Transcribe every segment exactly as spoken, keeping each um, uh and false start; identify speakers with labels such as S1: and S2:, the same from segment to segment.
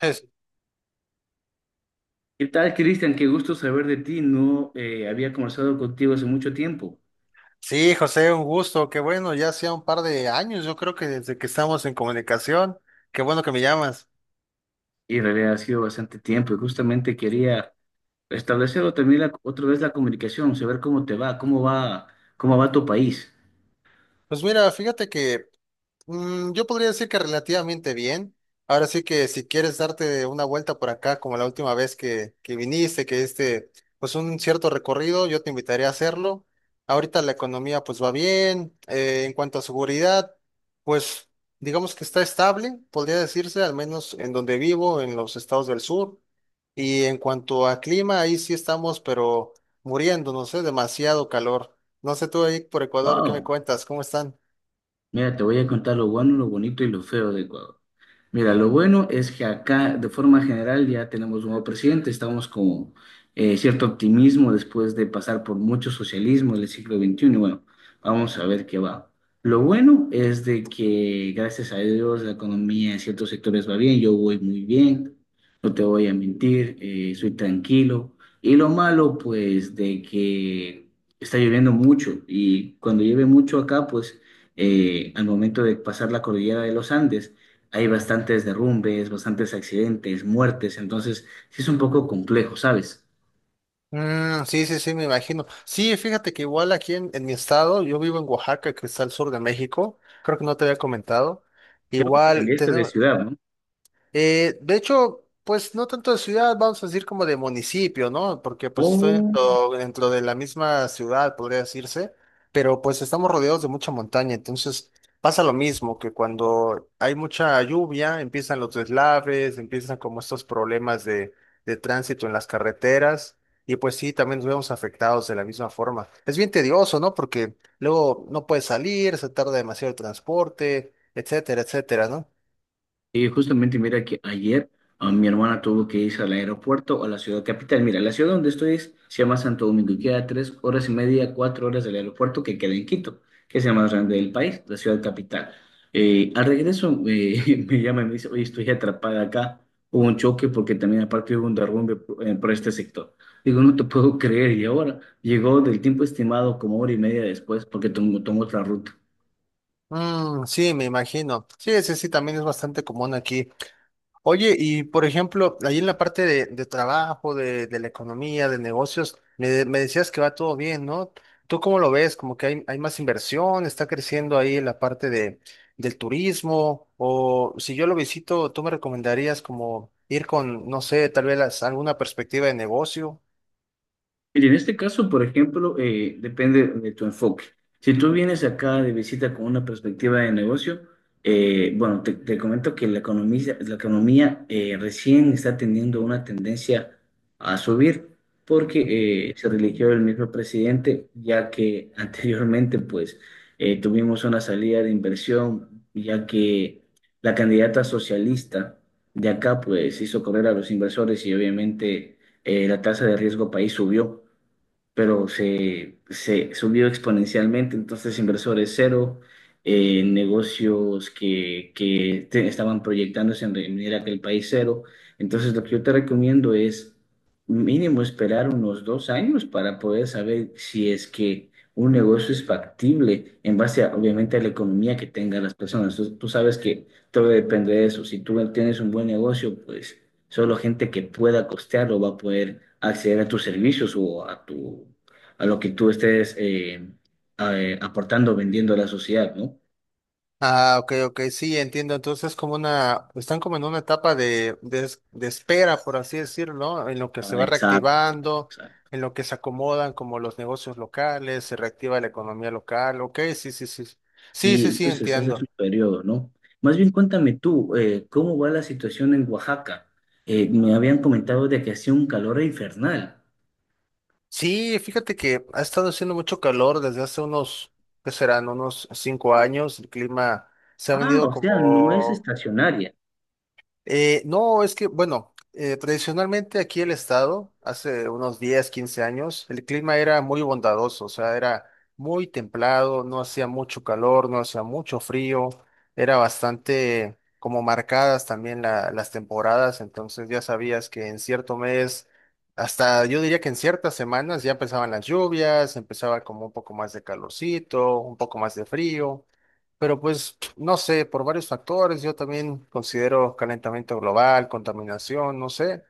S1: Es-
S2: ¿Qué tal, Cristian? Qué gusto saber de ti. No eh, había conversado contigo hace mucho tiempo
S1: sí, José, un gusto. Qué bueno, ya hacía un par de años, yo creo que desde que estamos en comunicación. Qué bueno que me llamas.
S2: y en realidad ha sido bastante tiempo y justamente quería restablecer otra vez la, otra vez la comunicación, saber cómo te va, cómo va, cómo va tu país.
S1: Pues mira, fíjate que Mm, yo podría decir que relativamente bien. Ahora sí que si quieres darte una vuelta por acá, como la última vez que, que viniste, que este, pues un cierto recorrido, yo te invitaría a hacerlo. Ahorita la economía pues va bien. Eh, en cuanto a seguridad, pues digamos que está estable, podría decirse, al menos en donde vivo, en los estados del sur. Y en cuanto a clima, ahí sí estamos, pero muriendo, no sé, demasiado calor. No sé tú ahí por Ecuador, ¿qué me
S2: Wow.
S1: cuentas? ¿Cómo están?
S2: Mira, te voy a contar lo bueno, lo bonito y lo feo de Ecuador. Mira, lo bueno es que acá, de forma general, ya tenemos un nuevo presidente, estamos con eh, cierto optimismo después de pasar por mucho socialismo del siglo veintiuno. Y bueno, vamos a ver qué va. Lo bueno es de que, gracias a Dios, la economía en ciertos sectores va bien, yo voy muy bien, no te voy a mentir, eh, soy tranquilo. Y lo malo, pues, de que está lloviendo mucho y cuando llueve mucho acá, pues eh, al momento de pasar la cordillera de los Andes, hay bastantes derrumbes, bastantes accidentes, muertes, entonces sí es un poco complejo, ¿sabes?
S1: Mm, sí, sí, sí, me imagino. Sí, fíjate que igual aquí en, en mi estado, yo vivo en Oaxaca, que está al sur de México, creo que no te había comentado.
S2: Creo que te
S1: Igual,
S2: cambiaste de ciudad, ¿no?
S1: eh, de hecho, pues no tanto de ciudad, vamos a decir como de municipio, ¿no? Porque pues estoy
S2: Oh.
S1: dentro, dentro de la misma ciudad, podría decirse, pero pues estamos rodeados de mucha montaña, entonces pasa lo mismo, que cuando hay mucha lluvia, empiezan los deslaves, empiezan como estos problemas de, de tránsito en las carreteras, y pues sí, también nos vemos afectados de la misma forma. Es bien tedioso, ¿no? Porque luego no puedes salir, se tarda demasiado el transporte, etcétera, etcétera, ¿no?
S2: Y justamente mira que ayer a mi hermana tuvo que irse al aeropuerto o a la ciudad capital. Mira, la ciudad donde estoy es- se llama Santo Domingo y queda tres horas y media, cuatro horas del aeropuerto que queda en Quito, que es la más grande del país, la ciudad capital. Eh, al regreso eh, me llama y me dice, oye, estoy atrapada acá. Hubo un choque porque también aparte hubo un derrumbe por, eh, por este sector. Digo, no te puedo creer. Y ahora llegó del tiempo estimado como hora y media después porque tomó, tomó otra ruta.
S1: Mm, sí, me imagino. Sí, ese sí también es bastante común aquí. Oye, y por ejemplo, ahí en la parte de, de trabajo, de, de la economía, de negocios, me, de- me decías que va todo bien, ¿no? ¿Tú cómo lo ves? ¿Como que hay, hay más inversión? ¿Está creciendo ahí la parte de, del turismo? O si yo lo visito, ¿tú me recomendarías como ir con, no sé, tal vez las- alguna perspectiva de negocio?
S2: Mire, en este caso, por ejemplo, eh, depende de tu enfoque. Si tú vienes acá de visita con una perspectiva de negocio, eh, bueno, te, te comento que la economía, la economía eh, recién está teniendo una tendencia a subir porque eh, se religió el mismo presidente, ya que anteriormente, pues, eh, tuvimos una salida de inversión, ya que la candidata socialista de acá, pues, hizo correr a los inversores y obviamente eh, la tasa de riesgo país subió pero se, se subió exponencialmente, entonces inversores cero, eh, negocios que, que te- estaban proyectándose en venir a aquel país cero. Entonces lo que yo te recomiendo es mínimo esperar unos dos años para poder saber si es que un negocio es factible en base a, obviamente, a la economía que tengan las personas. Tú, tú sabes que todo depende de eso. Si tú tienes un buen negocio, pues... Solo gente que pueda costearlo va a poder acceder a tus servicios o a tu, a lo que tú estés eh, a- eh, aportando, vendiendo a la sociedad, ¿no?
S1: Ah, ok, ok, sí, entiendo. Entonces, como una, están como en una etapa de, de, es- de espera, por así decirlo, ¿no? En lo que se
S2: Ah,
S1: va
S2: exacto,
S1: reactivando,
S2: exacto.
S1: en lo que se acomodan como los negocios locales, se reactiva la economía local. Ok, sí, sí, sí. Sí,
S2: Sí,
S1: sí, sí,
S2: entonces ese es un
S1: entiendo.
S2: periodo, ¿no? Más bien cuéntame tú, eh, ¿cómo va la situación en Oaxaca? Eh, me habían comentado de que hacía un calor infernal.
S1: Sí, fíjate que ha estado haciendo mucho calor desde hace unos, ¿qué serán? Unos cinco años. El clima se ha
S2: Ah,
S1: venido
S2: o sea, no es
S1: como
S2: estacionaria.
S1: Eh, no, es que, bueno, eh, tradicionalmente aquí el estado, hace unos diez, quince años, el clima era muy bondadoso, o sea, era muy templado, no hacía mucho calor, no hacía mucho frío, era bastante como marcadas también la- las temporadas, entonces ya sabías que en cierto mes, hasta yo diría que en ciertas semanas ya empezaban las lluvias, empezaba como un poco más de calorcito, un poco más de frío. Pero pues, no sé, por varios factores, yo también considero calentamiento global, contaminación, no sé,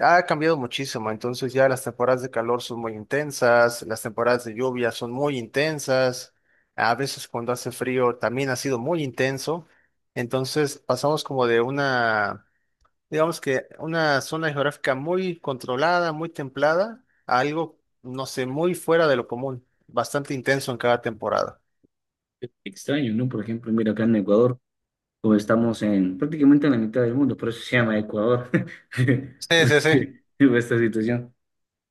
S1: ha cambiado muchísimo, entonces ya las temporadas de calor son muy intensas, las temporadas de lluvia son muy intensas, a veces cuando hace frío también ha sido muy intenso, entonces pasamos como de una, digamos que una zona geográfica muy controlada, muy templada, a algo, no sé, muy fuera de lo común, bastante intenso en cada temporada.
S2: Extraño, ¿no? Por ejemplo, mira acá en Ecuador, o estamos en prácticamente en la mitad del mundo, por eso se llama Ecuador,
S1: Sí, sí, sí.
S2: porque hubo esta situación.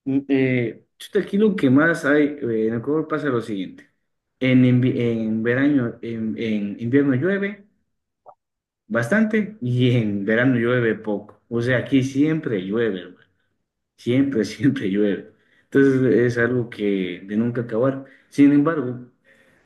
S2: Mm, Eh, chuta, aquí lo que más hay, eh, en Ecuador pasa lo siguiente, en, invi- en verano, en, en invierno llueve bastante y en verano llueve poco, o sea, aquí siempre llueve, siempre, siempre llueve. Entonces es algo que de nunca acabar. Sin embargo,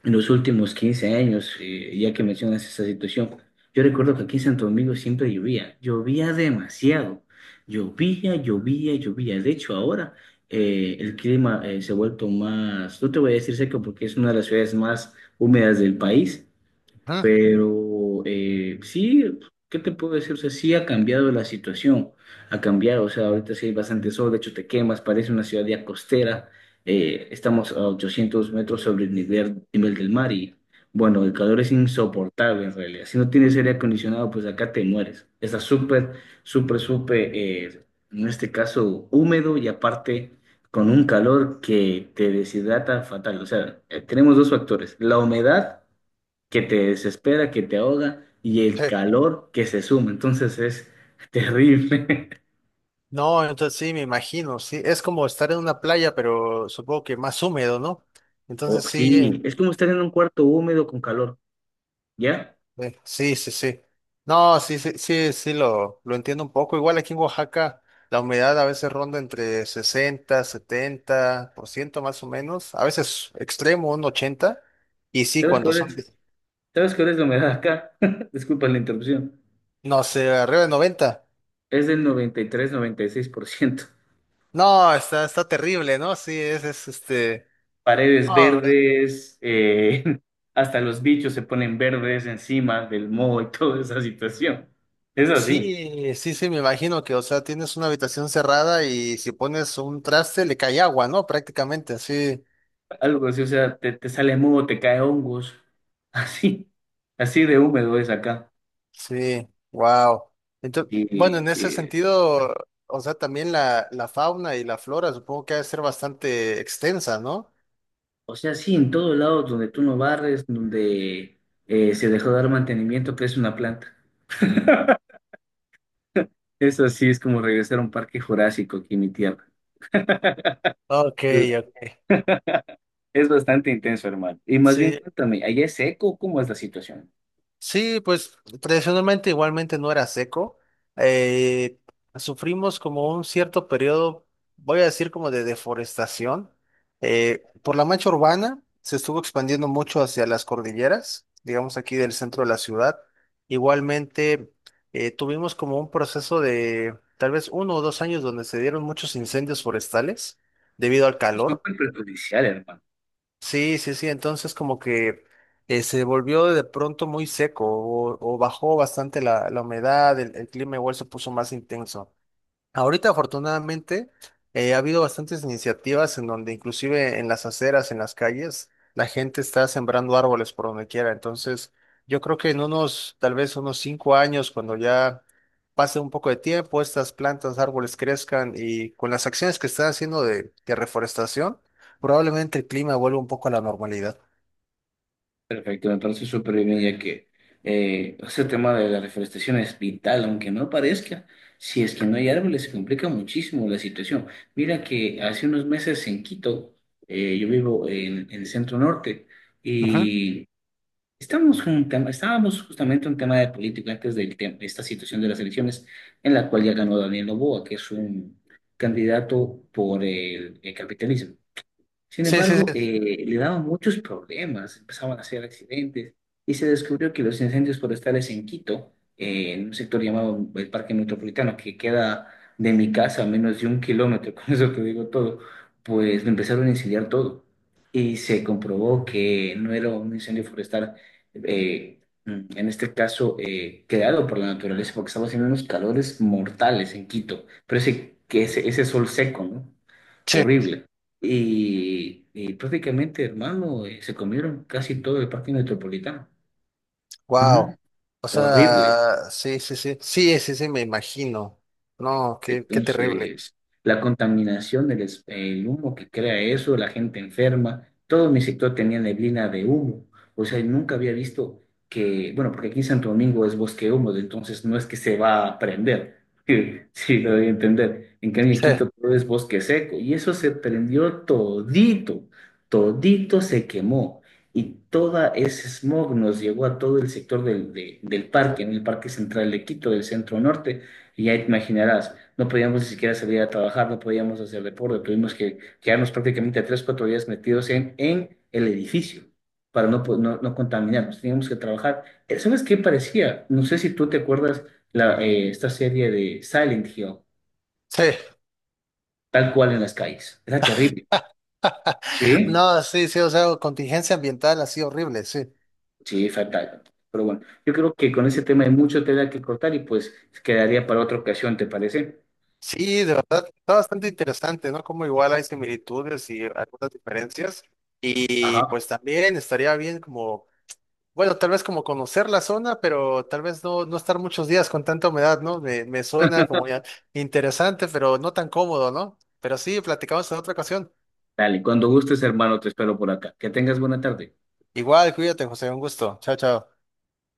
S2: en los últimos quince años, eh, ya que mencionas esa situación, yo recuerdo que aquí en Santo Domingo siempre llovía, llovía demasiado, llovía, llovía, llovía. De hecho, ahora eh, el clima eh, se ha vuelto más, no te voy a decir seco porque es una de las ciudades más húmedas del país,
S1: Ujú.
S2: pero eh, sí, ¿qué te puedo decir? O sea, sí ha cambiado la situación, ha cambiado, o sea, ahorita sí hay bastante sol, de hecho te quemas, parece una ciudad ya costera, eh, estamos a 800 metros sobre el nivel, nivel del mar y bueno, el calor es insoportable en realidad, si no tienes aire acondicionado, pues acá te mueres, está súper, súper, súper, eh, en este caso, húmedo y aparte con un calor que te deshidrata fatal, o sea, eh, tenemos dos factores, la humedad, que te desespera, que te ahoga y el
S1: Sí.
S2: calor que se suma. Entonces es terrible.
S1: No, entonces sí, me imagino, sí, es como estar en una playa, pero supongo que más húmedo, ¿no?
S2: O,
S1: Entonces sí, eh,
S2: sí, es como estar en un cuarto húmedo con calor. ¿Ya?
S1: eh, sí, sí, sí. No, sí, sí, sí, sí, lo, lo entiendo un poco. Igual aquí en Oaxaca la humedad a veces ronda entre sesenta, setenta por ciento más o menos, a veces extremo, un ochenta, y sí,
S2: ¿Sabes
S1: cuando
S2: cuál
S1: son,
S2: es?
S1: de-
S2: ¿Sabes cuál es la humedad acá? Disculpa la interrupción.
S1: no sé, arriba de noventa.
S2: Es del noventa y tres-noventa y seis por ciento.
S1: No, está, está terrible, ¿no? Sí, es, es este...
S2: Paredes
S1: No.
S2: verdes, eh, hasta los bichos se ponen verdes encima del moho y toda esa situación. Es así,
S1: Sí, sí, sí, me imagino que, o sea, tienes una habitación cerrada y si pones un traste le cae agua, ¿no? Prácticamente, sí,
S2: algo así, o sea, te, te sale moho, te cae hongos, así, así de húmedo es acá.
S1: sí, wow. Entonces, bueno,
S2: Y,
S1: en ese
S2: eh,
S1: sentido, o sea, también la, la fauna y la flora supongo que ha de ser bastante extensa, ¿no?
S2: o sea, sí, en todos lados donde tú no barres, donde eh, se dejó de dar mantenimiento, crece una planta. Eso sí es como regresar a un parque jurásico aquí en mi tierra.
S1: Ok,
S2: La-
S1: ok.
S2: Es bastante intenso, hermano. Y más bien,
S1: Sí,
S2: cuéntame, ¿allá es seco? ¿Cómo es la situación?
S1: sí, pues tradicionalmente igualmente no era seco. Eh, Sufrimos como un cierto periodo, voy a decir como de deforestación. Eh, por la mancha urbana se estuvo expandiendo mucho hacia las cordilleras, digamos aquí del centro de la ciudad. Igualmente eh, tuvimos como un proceso de tal vez uno o dos años donde se dieron muchos incendios forestales debido al
S2: Es
S1: calor.
S2: súper perjudicial, hermano.
S1: Sí, sí, sí. Entonces como que eh, se volvió de pronto muy seco o, o bajó bastante la, la humedad, el, el clima igual se puso más intenso. Ahorita, afortunadamente, eh, ha habido bastantes iniciativas en donde inclusive en las aceras, en las calles, la gente está sembrando árboles por donde quiera. Entonces, yo creo que en unos, tal vez unos cinco años, cuando ya pase un poco de tiempo, estas plantas, árboles crezcan y con las acciones que están haciendo de, de reforestación, probablemente el clima vuelva un poco a la normalidad.
S2: Perfecto, me parece súper bien, ya que eh, ese tema de la reforestación es vital, aunque no parezca. Si es que no hay árboles, se complica muchísimo la situación. Mira que hace unos meses en Quito, eh, yo vivo en, en el centro norte,
S1: Ujú.
S2: y estamos con un tema- estábamos justamente en un tema de política antes del tem- de esta situación de las elecciones, en la cual ya ganó Daniel Noboa, que es un candidato por el el capitalismo. Sin
S1: Sí, sí,
S2: embargo,
S1: sí.
S2: eh, le daban muchos problemas, empezaban a hacer accidentes y se descubrió que los incendios forestales en Quito, eh, en un sector llamado el Parque Metropolitano, que queda de mi casa a menos de un kilómetro, con eso te digo todo, pues lo empezaron a incendiar todo. Y se comprobó que no era un incendio forestal, eh, en este caso, eh, creado por la naturaleza, porque estaba haciendo unos calores mortales en Quito, pero ese, que ese, ese sol seco, ¿no?
S1: Sí.
S2: Horrible y, y prácticamente, hermano, eh, se comieron casi todo el parque metropolitano. Ujú.
S1: Wow. O
S2: Horrible.
S1: sea, sí, sí, sí. Sí, sí, sí, me imagino. No, qué, qué terrible.
S2: Entonces, la contaminación, el, es- el humo que crea eso, la gente enferma, todo mi sector tenía neblina de humo. O sea, nunca había visto que, bueno, porque aquí en Santo Domingo es bosque húmedo, entonces no es que se va a prender. Sí, sí, lo voy a entender. En cambio, en
S1: Sí,
S2: Quito todo es bosque seco y eso se prendió todito, todito se quemó. Y toda ese smog nos llegó a todo el sector del, de- del parque, en el Parque Central de Quito, del centro norte y ya te imaginarás, no podíamos ni siquiera salir a trabajar, no podíamos hacer deporte, tuvimos que quedarnos prácticamente tres, cuatro días metidos en, en el edificio para no, po- no, no contaminarnos, teníamos que trabajar. Eh, ¿Sabes qué parecía? No sé si tú te acuerdas la, eh, esta serie de Silent Hill,
S1: sí,
S2: tal cual en las calles. Era terrible. Sí,
S1: no, sí, sí, o sea, contingencia ambiental así horrible, sí.
S2: sí, fatal. Pero bueno, yo creo que con ese tema hay mucho tela que cortar y pues quedaría para otra ocasión, ¿te parece?
S1: Sí, de verdad, está bastante interesante, ¿no? Como igual hay similitudes y algunas diferencias. Y
S2: Ajá.
S1: pues también estaría bien como, bueno, tal vez como conocer la zona, pero tal vez no, no estar muchos días con tanta humedad, ¿no? Me, me suena como ya interesante, pero no tan cómodo, ¿no? Pero sí, platicamos en otra ocasión.
S2: Dale, cuando gustes, hermano, te espero por acá. Que tengas buena tarde.
S1: Igual, cuídate, José, un gusto. Chao, chao.